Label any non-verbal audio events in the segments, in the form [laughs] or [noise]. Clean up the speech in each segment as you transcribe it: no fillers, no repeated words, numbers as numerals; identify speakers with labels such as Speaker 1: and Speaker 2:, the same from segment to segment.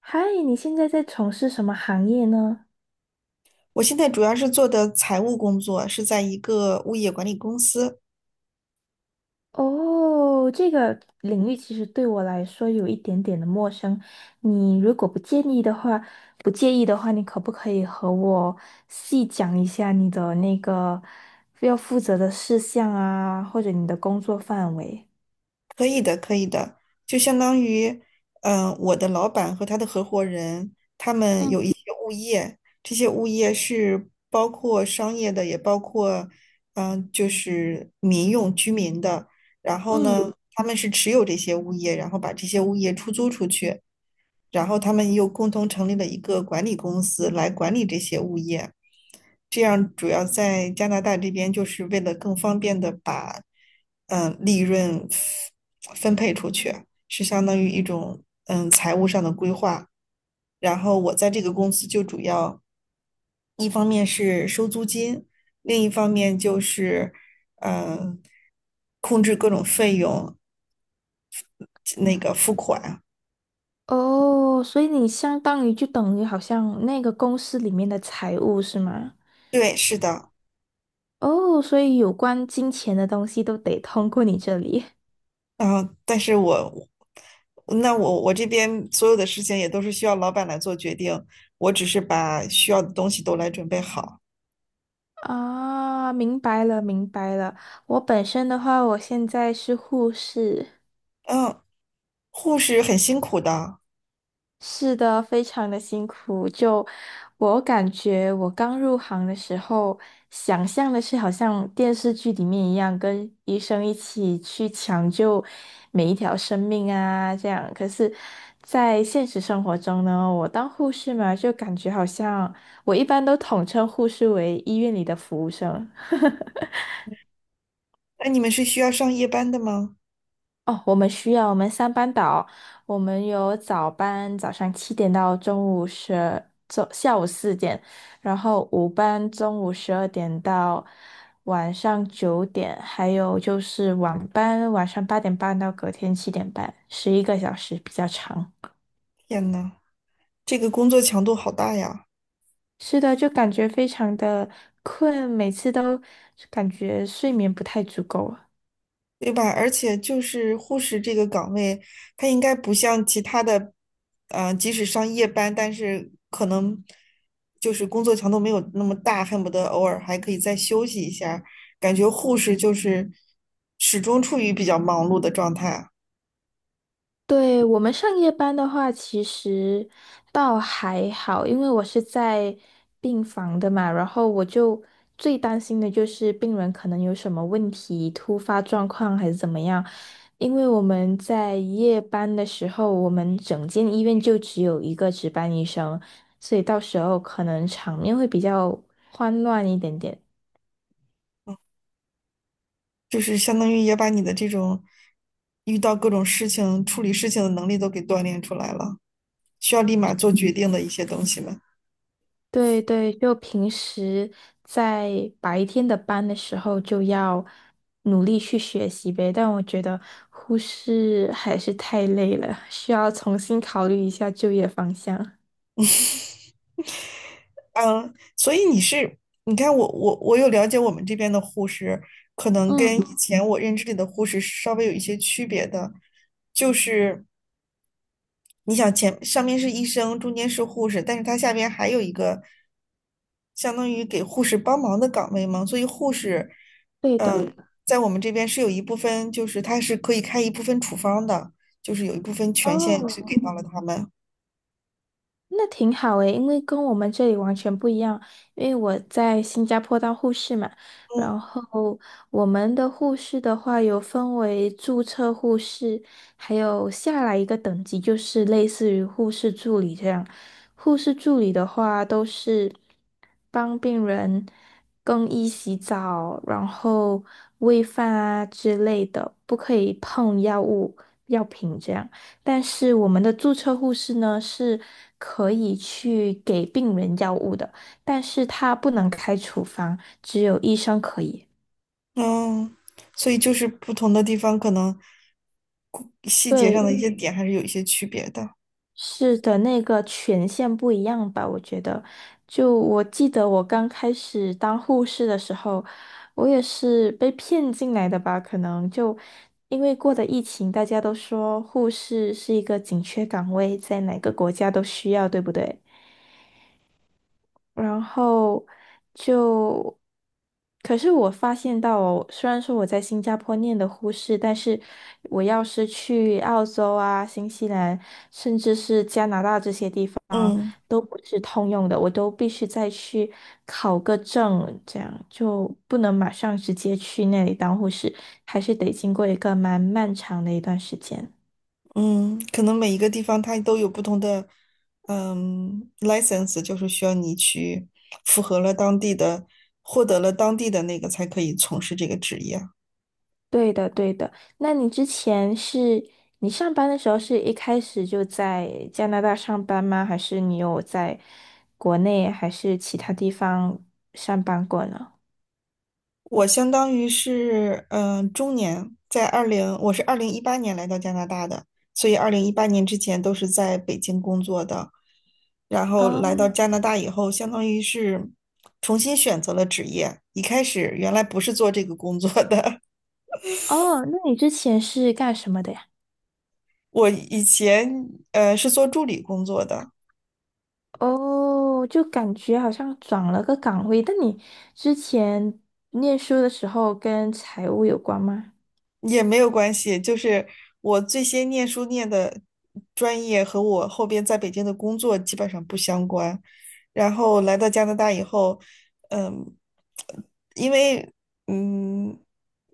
Speaker 1: 嗨，你现在在从事什么行业呢？
Speaker 2: 我现在主要是做的财务工作，是在一个物业管理公司。
Speaker 1: 哦，这个领域其实对我来说有一点点的陌生。你如果不介意的话，你可不可以和我细讲一下你的那个要负责的事项啊，或者你的工作范围？
Speaker 2: 可以的，可以的，就相当于，我的老板和他的合伙人，他们
Speaker 1: 嗯
Speaker 2: 有一些物业，这些物业是包括商业的，也包括，就是民用居民的。然后
Speaker 1: 嗯，
Speaker 2: 呢，他们是持有这些物业，然后把这些物业出租出去，然后他们又共同成立了一个管理公司来管理这些物业。这样主要在加拿大这边，就是为了更方便的把利润分配出去，是相当于一种财务上的规划。然后我在这个公司就主要一方面是收租金，另一方面就是嗯控制各种费用。那个
Speaker 1: 哦，所以你相当于就等于好像那个公司里面的财务是吗？
Speaker 2: 对，是的，
Speaker 1: 哦，所以有关金钱的东西都得通过你这里。
Speaker 2: 嗯，但是我那我我这边所有的事情也都是需要老板来做决定，我只是把需要的东西都来准备好。
Speaker 1: 啊，明白了，明白了。我本身的话，我现在是护士，
Speaker 2: 嗯，护士很辛苦的，
Speaker 1: 是的，非常的辛苦。就我感觉，我刚入行的时候，想象的是好像电视剧里面一样，跟医生一起去抢救每一条生命啊，这样。可是，在现实生活中呢，我当护士嘛，就感觉好像我一般都统称护士为医院里的服务生。
Speaker 2: 那你们是需要上夜班的吗？
Speaker 1: 哦，我们需要我们三班倒，我们有早班，早上七点到中午十，中下午4点，然后午班中午12点到晚上9点，还有就是晚班，晚上8点半到隔天7点半，11个小时比较长。
Speaker 2: 天呐，这个工作强度好大呀！
Speaker 1: 是的，就感觉非常的困，每次都感觉睡眠不太足够。
Speaker 2: 对吧？而且就是护士这个岗位，它应该不像其他的，即使上夜班，但是可能就是工作强度没有那么大，恨不得偶尔还可以再休息一下儿。感觉护士就是始终处于比较忙碌的状态，
Speaker 1: 对，我们上夜班的话，其实倒还好，因为我是在病房的嘛，然后我就最担心的就是病人可能有什么问题、突发状况还是怎么样。因为我们在夜班的时候，我们整间医院就只有一个值班医生，所以到时候可能场面会比较慌乱一点点。
Speaker 2: 就是相当于也把你的这种遇到各种事情、处理事情的能力都给锻炼出来了，需要立马做决定的一些东西嘛。
Speaker 1: 对对，就平时在白天的班的时候就要努力去学习呗，但我觉得护士还是太累了，需要重新考虑一下就业方向。
Speaker 2: 嗯，所以你是，你看我有了解我们这边的护士，可能跟
Speaker 1: 嗯，
Speaker 2: 以前我认知里的护士是稍微有一些区别的，就是你想前上面是医生，中间是护士，但是他下边还有一个相当于给护士帮忙的岗位嘛，所以护士，
Speaker 1: 对的。
Speaker 2: 嗯，在我们这边是有一部分，就是他是可以开一部分处方的，就是有一部分权限是给
Speaker 1: 哦，
Speaker 2: 到了他们。
Speaker 1: 那挺好诶，因为跟我们这里完全不一样。因为我在新加坡当护士嘛，
Speaker 2: 嗯
Speaker 1: 然后我们的护士的话有分为注册护士，还有下来一个等级就是类似于护士助理这样。护士助理的话都是帮病人更衣、洗澡，然后喂饭啊之类的，不可以碰药物、药品这样。但是我们的注册护士呢是可以去给病人药物的，但是他不能开处方，只有医生可以。
Speaker 2: 嗯，所以就是不同的地方可能细节上
Speaker 1: 对，
Speaker 2: 的一些点还是有一些区别的。
Speaker 1: 是的，那个权限不一样吧？我觉得，就我记得我刚开始当护士的时候，我也是被骗进来的吧？可能就因为过的疫情，大家都说护士是一个紧缺岗位，在哪个国家都需要，对不对？然后就，可是我发现到哦虽然说我在新加坡念的护士，但是我要是去澳洲啊、新西兰，甚至是加拿大这些地方，
Speaker 2: 嗯
Speaker 1: 都不是通用的，我都必须再去考个证，这样就不能马上直接去那里当护士，还是得经过一个蛮漫长的一段时间。
Speaker 2: 嗯，可能每一个地方它都有不同的license,就是需要你去符合了当地的，获得了当地的那个才可以从事这个职业。
Speaker 1: 对的，对的。那你之前是你上班的时候是一开始就在加拿大上班吗？还是你有在国内还是其他地方上班过呢？
Speaker 2: 我相当于是中年，在二零，我是二零一八年来到加拿大的，所以二零一八年之前都是在北京工作的，然后来
Speaker 1: 哦
Speaker 2: 到加拿大以后，相当于是重新选择了职业。一开始原来不是做这个工作的。
Speaker 1: 哦，那你之前是干什么的呀？
Speaker 2: [laughs] 我以前是做助理工作的，
Speaker 1: 哦，就感觉好像转了个岗位。但你之前念书的时候跟财务有关吗？
Speaker 2: 也没有关系，就是我最先念书念的专业和我后边在北京的工作基本上不相关。然后来到加拿大以后，嗯，因为嗯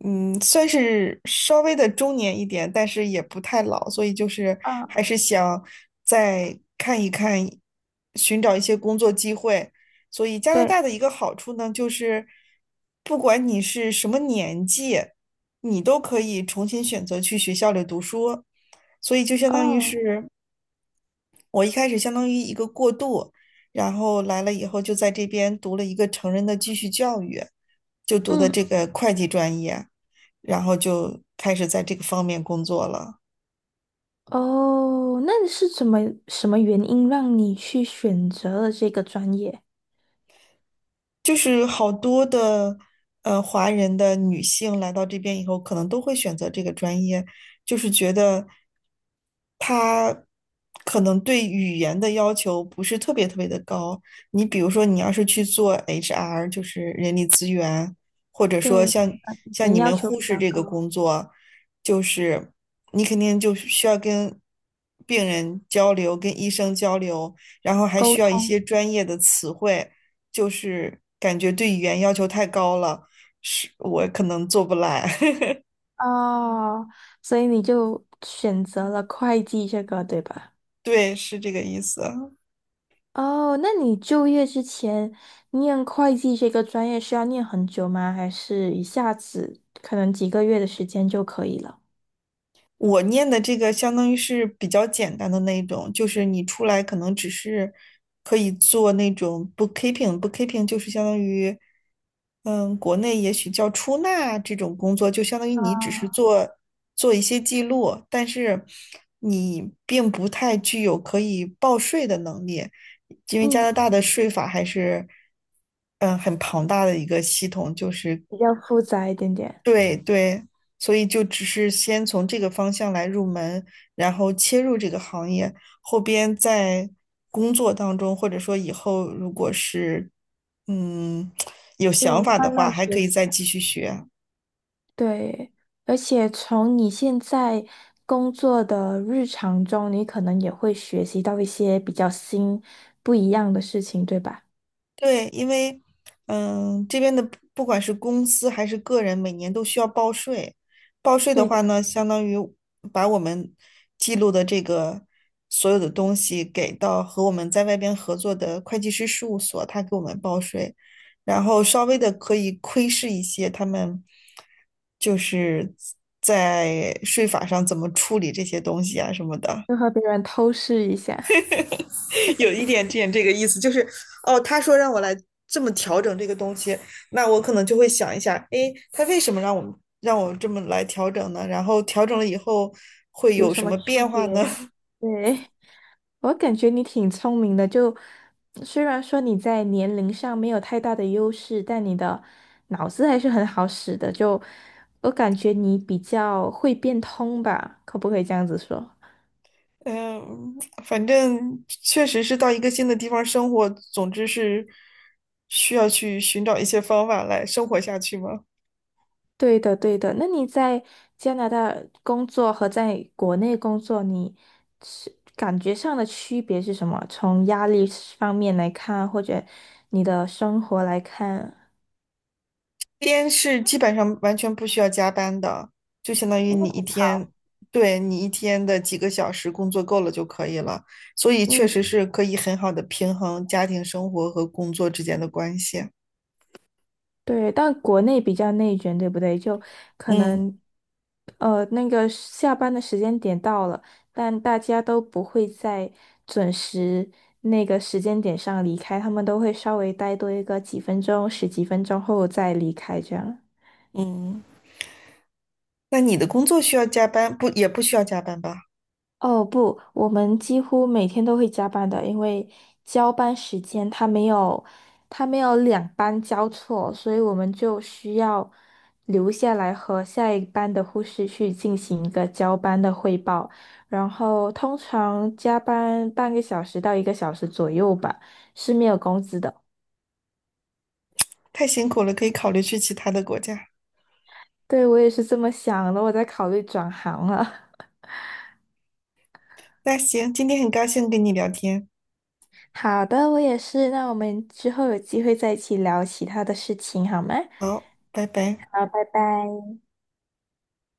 Speaker 2: 算是稍微的中年一点，但是也不太老，所以就是还
Speaker 1: 啊，
Speaker 2: 是想再看一看，寻找一些工作机会。所以加拿
Speaker 1: 对，
Speaker 2: 大的一个好处呢，就是不管你是什么年纪，你都可以重新选择去学校里读书，所以就相当于
Speaker 1: 哦，
Speaker 2: 是。我一开始相当于一个过渡，然后来了以后就在这边读了一个成人的继续教育，就读的
Speaker 1: 嗯。
Speaker 2: 这个会计专业，然后就开始在这个方面工作了。
Speaker 1: 哦，那你是怎么什么原因让你去选择了这个专业？
Speaker 2: 就是好多的华人的女性来到这边以后，可能都会选择这个专业，就是觉得她可能对语言的要求不是特别特别的高。你比如说，你要是去做 HR,就是人力资源，或者说
Speaker 1: 对，
Speaker 2: 像
Speaker 1: 语
Speaker 2: 像
Speaker 1: 言
Speaker 2: 你
Speaker 1: 要
Speaker 2: 们
Speaker 1: 求比
Speaker 2: 护士
Speaker 1: 较
Speaker 2: 这个
Speaker 1: 高，
Speaker 2: 工作，就是你肯定就需要跟病人交流，跟医生交流，然后还
Speaker 1: 沟
Speaker 2: 需要一些
Speaker 1: 通
Speaker 2: 专业的词汇。就是感觉对语言要求太高了，是我可能做不来。
Speaker 1: 哦，所以你就选择了会计这个，对吧？
Speaker 2: [laughs] 对，是这个意思。
Speaker 1: 哦，那你就业之前念会计这个专业是要念很久吗？还是一下子可能几个月的时间就可以了？
Speaker 2: 我念的这个相当于是比较简单的那一种，就是你出来可能只是可以做那种 bookkeeping，bookkeeping 就是相当于，嗯，国内也许叫出纳这种工作，就相当于你只是做做一些记录，但是你并不太具有可以报税的能力，因为加
Speaker 1: 嗯，
Speaker 2: 拿大的税法还是，嗯，很庞大的一个系统，就是
Speaker 1: 比较复杂一点点，
Speaker 2: 对对，所以就只是先从这个方向来入门，然后切入这个行业，后边在工作当中，或者说以后如果是嗯 [tsk] 有想
Speaker 1: 就
Speaker 2: 法的
Speaker 1: 慢
Speaker 2: 话，
Speaker 1: 慢
Speaker 2: 还可
Speaker 1: 学。
Speaker 2: 以再继续学。
Speaker 1: 对，而且从你现在工作的日常中，你可能也会学习到一些比较新、不一样的事情，对吧？
Speaker 2: 对，因为这边的不管是公司还是个人，每年都需要报税。报税的
Speaker 1: 对的，
Speaker 2: 话呢，相当于把我们记录的这个所有的东西给到和我们在外边合作的会计师事务所，他给我们报税，然后稍微的可以窥视一些他们就是在税法上怎么处理这些东西啊什么的。
Speaker 1: 就和别人偷视一下
Speaker 2: [laughs] 有一点点这个意思，就是哦，他说让我来这么调整这个东西，那我可能就会想一下，诶，他为什么让我这么来调整呢？然后调整了以后会
Speaker 1: 有
Speaker 2: 有
Speaker 1: 什
Speaker 2: 什
Speaker 1: 么
Speaker 2: 么
Speaker 1: 区
Speaker 2: 变
Speaker 1: 别。
Speaker 2: 化呢？
Speaker 1: 对，[laughs] 我感觉你挺聪明的，就虽然说你在年龄上没有太大的优势，但你的脑子还是很好使的，就我感觉你比较会变通吧，可不可以这样子说？
Speaker 2: [laughs] 嗯，反正确实是到一个新的地方生活，总之是需要去寻找一些方法来生活下去吗？
Speaker 1: 对的，对的。那你在加拿大工作和在国内工作，你是感觉上的区别是什么？从压力方面来看，或者你的生活来看，
Speaker 2: 边是基本上完全不需要加班的，就相当于你一天，对，你一天的几个小时工作够了就可以了，所以确
Speaker 1: 嗯，
Speaker 2: 实是可以很好的平衡家庭生活和工作之间的关系。
Speaker 1: 对。但国内比较内卷，对不对？就可
Speaker 2: 嗯
Speaker 1: 能，那个下班的时间点到了，但大家都不会在准时那个时间点上离开，他们都会稍微待多一个几分钟、十几分钟后再离开，这样。
Speaker 2: 嗯，那你的工作需要加班，不，也不需要加班吧？
Speaker 1: 哦不，我们几乎每天都会加班的，因为交班时间他没有，他没有两班交错，所以我们就需要留下来和下一班的护士去进行一个交班的汇报，然后通常加班半个小时到一个小时左右吧，是没有工资的。
Speaker 2: 太辛苦了，可以考虑去其他的国家。
Speaker 1: 对，我也是这么想的，我在考虑转行了。[laughs]
Speaker 2: 那行，今天很高兴跟你聊天，
Speaker 1: 好的，我也是，那我们之后有机会再一起聊其他的事情好吗？
Speaker 2: 好，拜拜。
Speaker 1: 好，拜拜。